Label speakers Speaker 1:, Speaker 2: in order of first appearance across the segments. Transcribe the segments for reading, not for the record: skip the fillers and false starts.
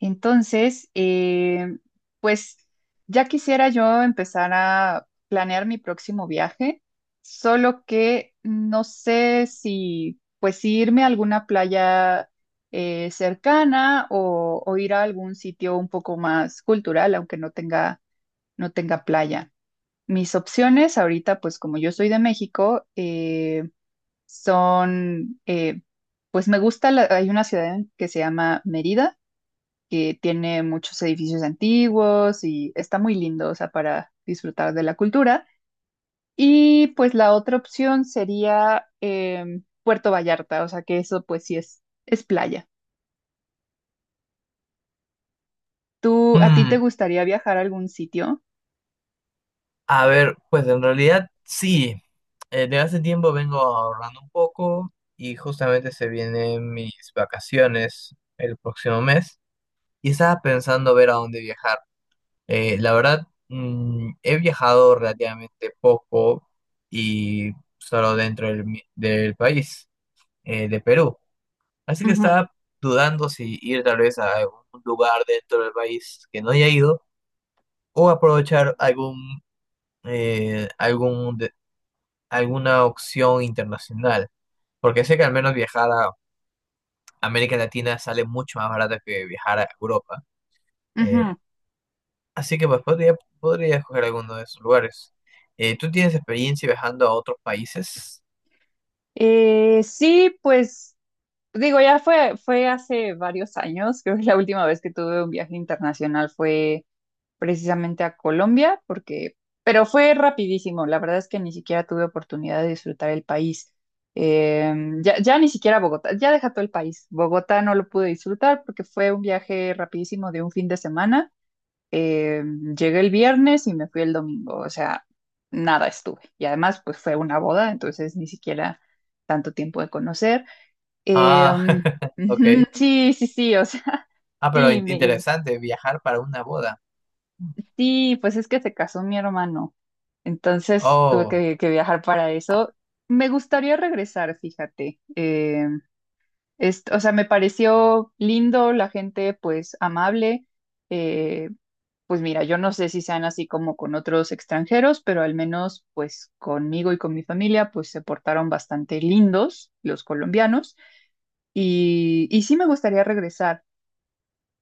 Speaker 1: Entonces, pues ya quisiera yo empezar a planear mi próximo viaje, solo que no sé si pues si irme a alguna playa cercana o ir a algún sitio un poco más cultural, aunque no tenga playa. Mis opciones ahorita, pues como yo soy de México, son, pues me gusta, hay una ciudad que se llama Mérida que tiene muchos edificios antiguos y está muy lindo, o sea, para disfrutar de la cultura. Y pues la otra opción sería Puerto Vallarta, o sea, que eso pues sí es playa. ¿Tú, a ti te
Speaker 2: Mm,
Speaker 1: gustaría viajar a algún sitio?
Speaker 2: pues en realidad sí. De hace tiempo vengo ahorrando un poco y justamente se vienen mis vacaciones el próximo mes y estaba pensando ver a dónde viajar. La verdad, he viajado relativamente poco y solo dentro del país, de Perú. Así que
Speaker 1: Ujú,
Speaker 2: estaba dudando si ir tal vez a algún lugar dentro del país que no haya ido o aprovechar algún, algún alguna opción internacional, porque sé que al menos viajar a América Latina sale mucho más barato que viajar a Europa. Eh,
Speaker 1: ujú.
Speaker 2: así que podría escoger alguno de esos lugares. ¿Tú tienes experiencia viajando a otros países?
Speaker 1: Sí, pues digo, ya fue hace varios años, creo que la última vez que tuve un viaje internacional fue precisamente a Colombia, pero fue rapidísimo, la verdad es que ni siquiera tuve oportunidad de disfrutar el país. Eh, ya ni siquiera Bogotá, ya deja todo el país. Bogotá no lo pude disfrutar porque fue un viaje rapidísimo de un fin de semana. Eh, Llegué el viernes y me fui el domingo, o sea, nada estuve. Y además, pues fue una boda, entonces ni siquiera tanto tiempo de conocer. Eh,
Speaker 2: Ah, ok.
Speaker 1: Ujú, sí, sí, sí, o sea,
Speaker 2: Ah, pero
Speaker 1: sí,
Speaker 2: interesante, viajar para una boda.
Speaker 1: sí, pues es que se casó mi hermano. Entonces tuve
Speaker 2: Oh,
Speaker 1: que viajar para eso. Me gustaría regresar, fíjate. O sea, me pareció lindo, la gente pues amable. Eh, pues mira, yo no sé si sean así como con otros extranjeros, pero al menos pues conmigo y con mi familia pues se portaron bastante lindos los colombianos y sí me gustaría regresar.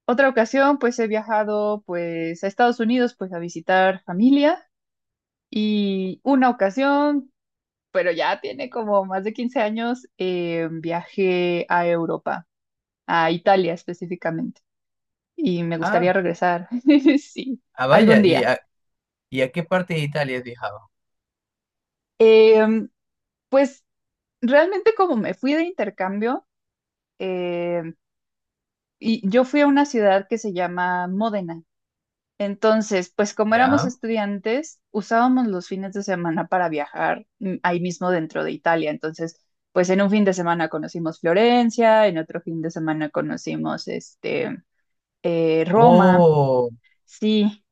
Speaker 1: Otra ocasión pues he viajado pues a Estados Unidos pues a visitar familia. Y una ocasión pero ya tiene como más de 15 años, viajé a Europa, a Italia específicamente, y me gustaría
Speaker 2: ah,
Speaker 1: regresar, sí,
Speaker 2: ah,
Speaker 1: algún
Speaker 2: vaya, ¿y
Speaker 1: día.
Speaker 2: a, y a qué parte de Italia has viajado?
Speaker 1: Eh, pues realmente como me fui de intercambio, eh, y yo fui a una ciudad que se llama Módena. Entonces, pues como éramos
Speaker 2: Ya.
Speaker 1: estudiantes, usábamos los fines de semana para viajar ahí mismo dentro de Italia. Entonces, pues en un fin de semana conocimos Florencia, en otro fin de semana conocimos Roma.
Speaker 2: Oh,
Speaker 1: Sí,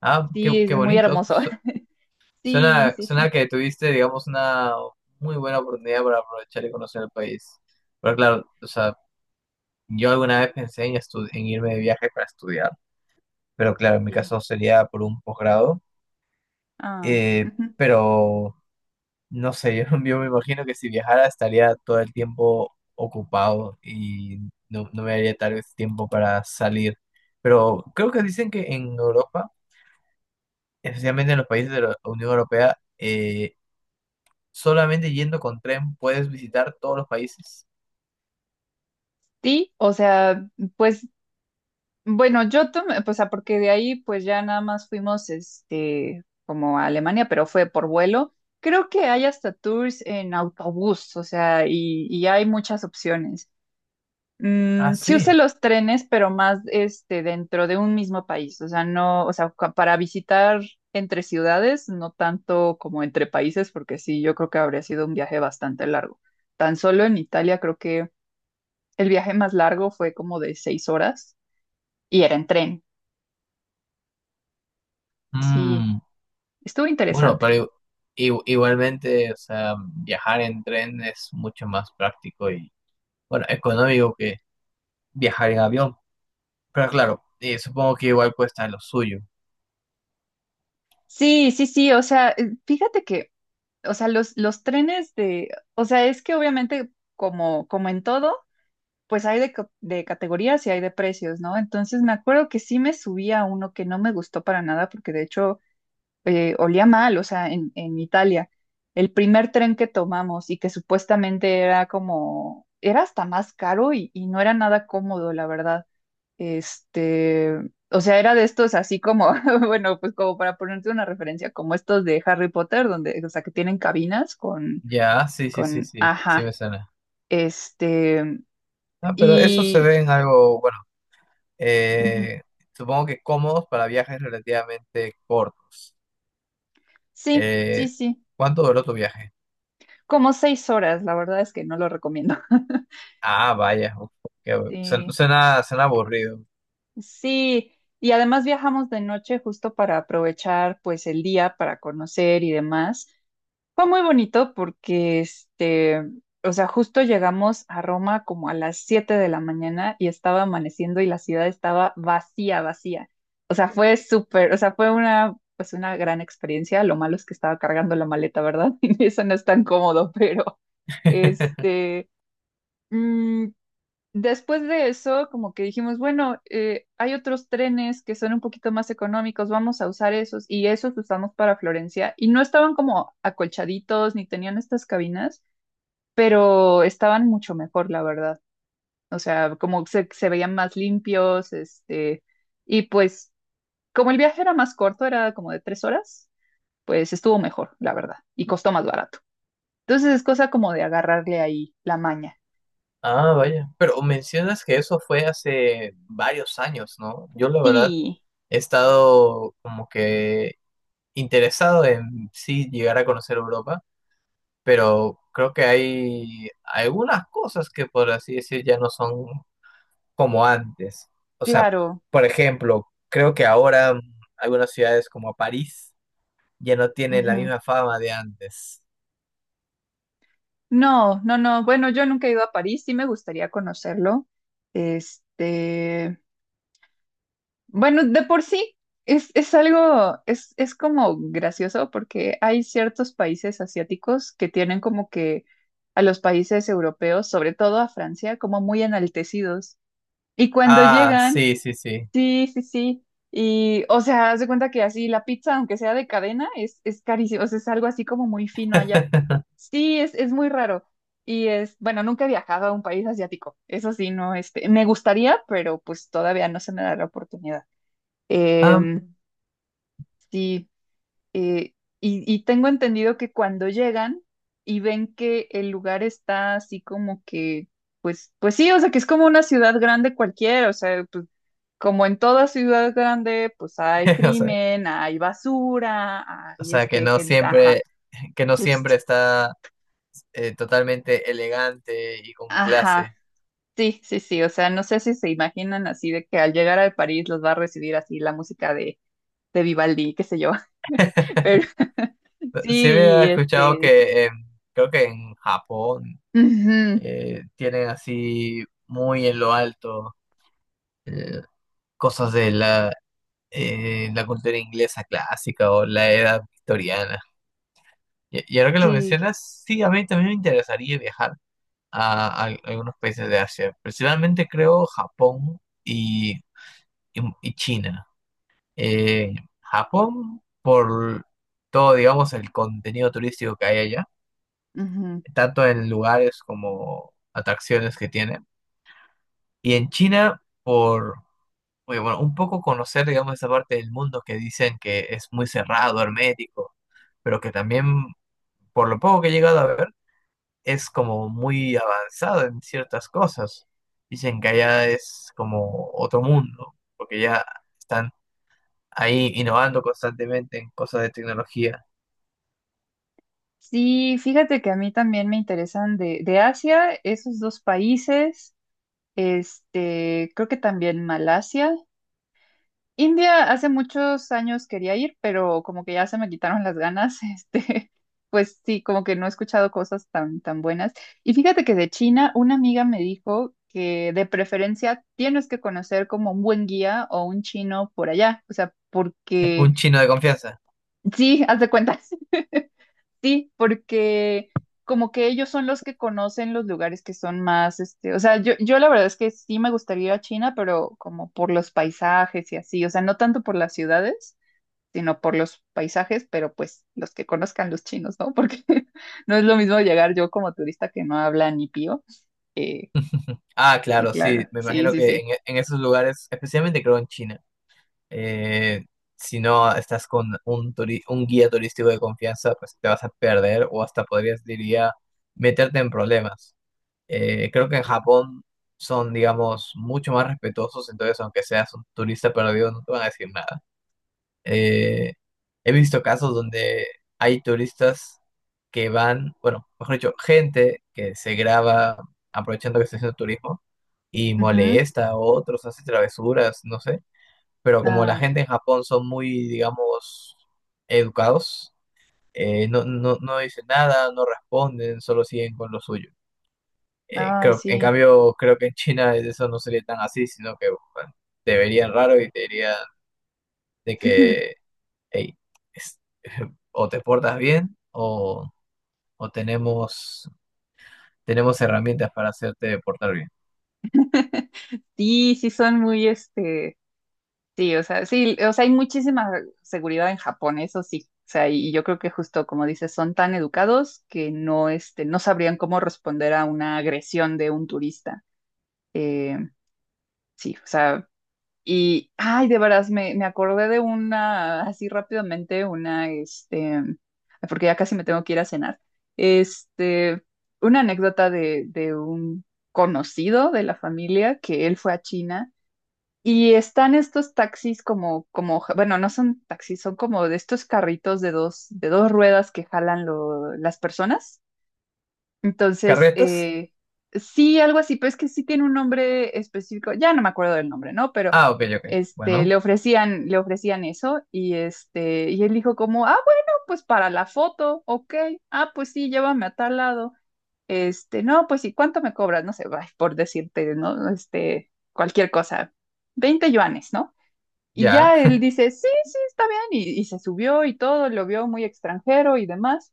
Speaker 2: ah, qué,
Speaker 1: sí, es
Speaker 2: qué
Speaker 1: muy
Speaker 2: bonito.
Speaker 1: hermoso.
Speaker 2: So,
Speaker 1: Sí,
Speaker 2: suena,
Speaker 1: sí, sí,
Speaker 2: suena que tuviste, digamos, una muy buena oportunidad para aprovechar y conocer el país. Pero claro, o sea, yo alguna vez pensé en irme de viaje para estudiar, pero claro, en mi
Speaker 1: sí.
Speaker 2: caso sería por un posgrado.
Speaker 1: Ah,
Speaker 2: Eh,
Speaker 1: ujú.
Speaker 2: pero no sé, yo me imagino que si viajara estaría todo el tiempo ocupado y no, no me daría tal vez tiempo para salir. Pero creo que dicen que en Europa, especialmente en los países de la Unión Europea, solamente yendo con tren puedes visitar todos los países.
Speaker 1: Sí, o sea, pues bueno, yo tomé, pues, porque de ahí pues ya nada más fuimos como a Alemania, pero fue por vuelo. Creo que hay hasta tours en autobús, o sea, y hay muchas opciones.
Speaker 2: Ah,
Speaker 1: Sí usé
Speaker 2: sí.
Speaker 1: los trenes, pero más dentro de un mismo país, o sea, no, o sea, para visitar entre ciudades, no tanto como entre países, porque sí, yo creo que habría sido un viaje bastante largo. Tan solo en Italia creo que el viaje más largo fue como de 6 horas y era en tren. Sí,
Speaker 2: Mm,
Speaker 1: estuvo
Speaker 2: bueno,
Speaker 1: interesante.
Speaker 2: pero igualmente, o sea, viajar en tren es mucho más práctico y, bueno, económico que viajar en avión. Pero claro, supongo que igual cuesta lo suyo.
Speaker 1: Sí, sí, sí, o sea, fíjate que, o sea, los trenes de, o sea, es que obviamente como en todo, pues hay de categorías y hay de precios, ¿no? Entonces me acuerdo que sí me subí a uno que no me gustó para nada porque de hecho olía mal, o sea, en Italia, el primer tren que tomamos y que supuestamente era hasta más caro y no era nada cómodo, la verdad. Este, o sea, era de estos así como, bueno, pues como para ponerte una referencia, como estos de Harry Potter, donde, o sea, que tienen cabinas con,
Speaker 2: Ya, sí, sí, sí,
Speaker 1: con,
Speaker 2: sí, sí
Speaker 1: ajá,
Speaker 2: me suena.
Speaker 1: este,
Speaker 2: Ah, pero eso se
Speaker 1: y,
Speaker 2: ve en algo,
Speaker 1: ujú,
Speaker 2: eh, supongo que cómodos para viajes relativamente cortos.
Speaker 1: sí, sí,
Speaker 2: Eh,
Speaker 1: sí,
Speaker 2: ¿Cuánto duró tu viaje?
Speaker 1: como 6 horas, la verdad es que no lo recomiendo.
Speaker 2: Ah, vaya, uf, qué
Speaker 1: Sí,
Speaker 2: suena, suena aburrido.
Speaker 1: sí, y además viajamos de noche justo para aprovechar pues el día para conocer y demás. Fue muy bonito porque, o sea, justo llegamos a Roma como a las 7 de la mañana y estaba amaneciendo y la ciudad estaba vacía, vacía. O sea, fue súper, o sea, fue pues una gran experiencia. Lo malo es que estaba cargando la maleta, ¿verdad? Y eso no es tan cómodo, pero, este, mm, después de eso, como que dijimos, bueno, hay otros trenes que son un poquito más económicos, vamos a usar esos y esos usamos para Florencia. Y no estaban como acolchaditos ni tenían estas cabinas, pero estaban mucho mejor, la verdad. O sea, como se veían más limpios, y pues como el viaje era más corto, era como de 3 horas, pues estuvo mejor, la verdad, y costó más barato. Entonces es cosa como de agarrarle ahí la maña.
Speaker 2: Ah, vaya. Pero mencionas que eso fue hace varios años, ¿no? Yo la verdad
Speaker 1: Sí,
Speaker 2: he estado como que interesado en sí llegar a conocer Europa, pero creo que hay algunas cosas que por así decir ya no son como antes. O sea,
Speaker 1: claro.
Speaker 2: por ejemplo, creo que ahora algunas ciudades como París ya no tienen la
Speaker 1: Ujú.
Speaker 2: misma fama de antes.
Speaker 1: No, no, no. Bueno, yo nunca he ido a París, sí me gustaría conocerlo. Este, bueno, de por sí es algo, es como gracioso porque hay ciertos países asiáticos que tienen como que a los países europeos, sobre todo a Francia, como muy enaltecidos. Y cuando
Speaker 2: Ah,
Speaker 1: llegan.
Speaker 2: sí, sí, sí.
Speaker 1: Sí, sí, sí. Y, o sea, haz de cuenta que así la pizza, aunque sea de cadena, es carísimo. O sea, es algo así como muy fino allá. Sí, es muy raro. Y bueno, nunca he viajado a un país asiático. Eso sí, no, me gustaría, pero pues todavía no se me da la oportunidad.
Speaker 2: Ah,
Speaker 1: Em, sí. Eh, y tengo entendido que cuando llegan y ven que el lugar está así como que, pues, pues sí, o sea, que es como una ciudad grande cualquiera, o sea, pues como en toda ciudad grande, pues hay
Speaker 2: o sea,
Speaker 1: crimen, hay basura,
Speaker 2: o
Speaker 1: hay
Speaker 2: sea,
Speaker 1: gente, ajá,
Speaker 2: que no siempre
Speaker 1: justo,
Speaker 2: está totalmente elegante y con
Speaker 1: ajá.
Speaker 2: clase.
Speaker 1: Sí, sí, sí, o sea, no sé si se imaginan así de que al llegar a París los va a recibir así la música de Vivaldi, qué sé yo, pero
Speaker 2: Sí había
Speaker 1: sí,
Speaker 2: escuchado que creo que en Japón tienen así muy en lo alto eh, cosas de la cultura inglesa clásica o la edad victoriana. Y ahora que lo
Speaker 1: Sí,
Speaker 2: mencionas, sí, a mí también me interesaría viajar a algunos países de Asia, principalmente creo Japón y China. Eh, Japón, por todo, digamos, el contenido turístico que hay allá,
Speaker 1: ujú.
Speaker 2: tanto en lugares como atracciones que tiene. Y en China, por, oye, bueno, un poco conocer, digamos, esa parte del mundo que dicen que es muy cerrado, hermético, pero que también, por lo poco que he llegado a ver, es como muy avanzado en ciertas cosas. Dicen que allá es como otro mundo, porque ya están ahí innovando constantemente en cosas de tecnología.
Speaker 1: Sí, fíjate que a mí también me interesan de Asia, esos dos países, creo que también Malasia. India hace muchos años quería ir, pero como que ya se me quitaron las ganas, pues sí, como que no he escuchado cosas tan, tan buenas. Y fíjate que de China, una amiga me dijo que de preferencia tienes que conocer como un buen guía o un chino por allá, o sea, porque
Speaker 2: Un chino de confianza.
Speaker 1: sí, haz de cuenta. Sí, porque como que ellos son los que conocen los lugares que son más, o sea, yo la verdad es que sí me gustaría ir a China, pero como por los paisajes y así, o sea, no tanto por las ciudades, sino por los paisajes, pero pues los que conozcan los chinos, ¿no? Porque no es lo mismo llegar yo como turista que no habla ni pío. Eh,
Speaker 2: Ah,
Speaker 1: sí,
Speaker 2: claro, sí,
Speaker 1: claro,
Speaker 2: me
Speaker 1: sí,
Speaker 2: imagino
Speaker 1: sí,
Speaker 2: que
Speaker 1: sí.
Speaker 2: en esos lugares, especialmente creo en China, eh, si no estás con un, un guía turístico de confianza, pues te vas a perder o hasta podrías, diría, meterte en problemas. Creo que en Japón son, digamos, mucho más respetuosos, entonces aunque seas un turista perdido, no te van a decir nada. Eh, he visto casos donde hay turistas que van, bueno, mejor dicho, gente que se graba aprovechando que está haciendo turismo y
Speaker 1: Ujú.
Speaker 2: molesta a otros, hace travesuras, no sé. Pero como la
Speaker 1: Ay,
Speaker 2: gente en Japón son muy, digamos, educados, no, no, no dicen nada, no responden, solo siguen con lo suyo. Eh,
Speaker 1: ay,
Speaker 2: creo, en
Speaker 1: sí.
Speaker 2: cambio, creo que en China eso no sería tan así, sino que bueno, te verían raro y te dirían de que Ey, es- o te portas bien o, o tenemos, tenemos herramientas para hacerte portar bien.
Speaker 1: Sí, sí son muy, sí, o sea, sí, o sea, hay muchísima seguridad en Japón, eso sí. O sea, y yo creo que justo como dices, son tan educados que no, no sabrían cómo responder a una agresión de un turista. Eh, sí, o sea, y, ay, de veras, me acordé de una, así rápidamente, porque ya casi me tengo que ir a cenar, este, una anécdota de un conocido de la familia que él fue a China y están estos taxis bueno, no son taxis, son como de estos carritos de dos ruedas que jalan las personas. Entonces,
Speaker 2: ¿Carretas?
Speaker 1: sí, algo así, pero es que sí tiene un nombre específico, ya no me acuerdo del nombre, ¿no? Pero
Speaker 2: Ah, ok, ok. Bueno,
Speaker 1: le ofrecían eso, y él dijo como, ah, bueno, pues para la foto, ok, ah, pues sí, llévame a tal lado. No, pues, sí ¿cuánto me cobras? No sé, ay, por decirte, ¿no? Cualquier cosa. 20 yuanes, ¿no? Y
Speaker 2: ya.
Speaker 1: ya él dice, sí, sí, está bien, y se subió y todo, lo vio muy extranjero y demás,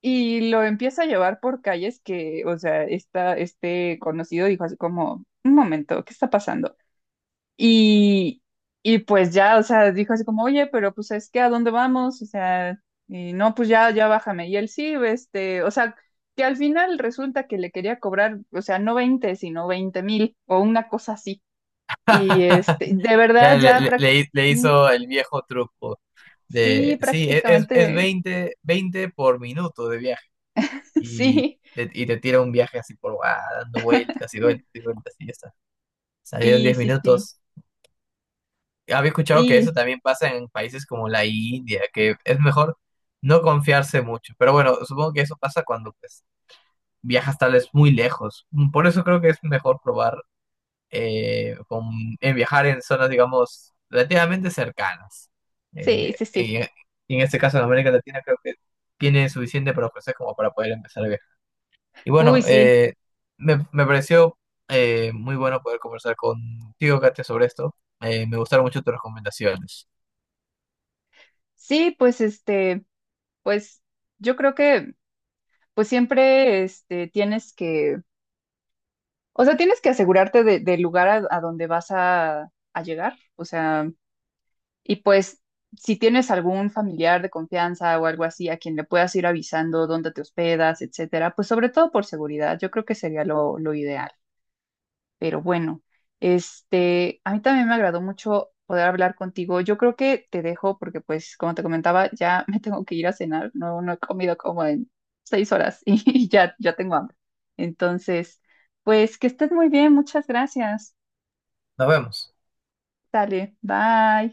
Speaker 1: y lo empieza a llevar por calles que, o sea, este conocido dijo así como, un momento, ¿qué está pasando? Y, y pues ya, o sea, dijo así como, oye, pero pues es que ¿a dónde vamos? O sea, y no, pues ya bájame. Y él sí, o sea, que al final resulta que le quería cobrar, o sea, no 20 sino 20,000 o una cosa así. Y de
Speaker 2: Ya
Speaker 1: verdad ya
Speaker 2: le
Speaker 1: prácticamente...
Speaker 2: hizo el viejo truco
Speaker 1: Sí,
Speaker 2: de, sí, es
Speaker 1: prácticamente,
Speaker 2: 20 20 por minuto de viaje y
Speaker 1: sí,
Speaker 2: y te tira un viaje así por, ah, dando vueltas y
Speaker 1: sí,
Speaker 2: vueltas y vueltas y ya está. Salieron
Speaker 1: sí,
Speaker 2: 10
Speaker 1: sí,
Speaker 2: minutos. Había escuchado que eso
Speaker 1: sí,
Speaker 2: también pasa en países como la India, que es mejor no confiarse mucho. Pero bueno, supongo que eso pasa cuando pues viajas tal vez muy lejos. Mm, por eso creo que es mejor probar eh, con, en viajar en zonas, digamos, relativamente cercanas.
Speaker 1: sí,
Speaker 2: Eh,
Speaker 1: sí, sí.
Speaker 2: y, y en este caso en América Latina creo que tiene suficiente para ofrecer como para poder empezar a viajar. Y
Speaker 1: Uy,
Speaker 2: bueno,
Speaker 1: sí,
Speaker 2: me pareció muy bueno poder conversar contigo, Katia, sobre esto. Me gustaron mucho tus recomendaciones.
Speaker 1: sí, pues pues yo creo que pues siempre tienes que, o sea, tienes que asegurarte del lugar a donde vas a llegar, o sea, y pues si tienes algún familiar de confianza o algo así a quien le puedas ir avisando dónde te hospedas, etcétera, pues sobre todo por seguridad, yo creo que sería lo ideal. Pero bueno, a mí también me agradó mucho poder hablar contigo. Yo creo que te dejo porque, pues, como te comentaba, ya me tengo que ir a cenar. No, no he comido como en 6 horas y ya tengo hambre. Entonces, pues, que estés muy bien. Muchas gracias.
Speaker 2: Nos vemos.
Speaker 1: Dale, bye.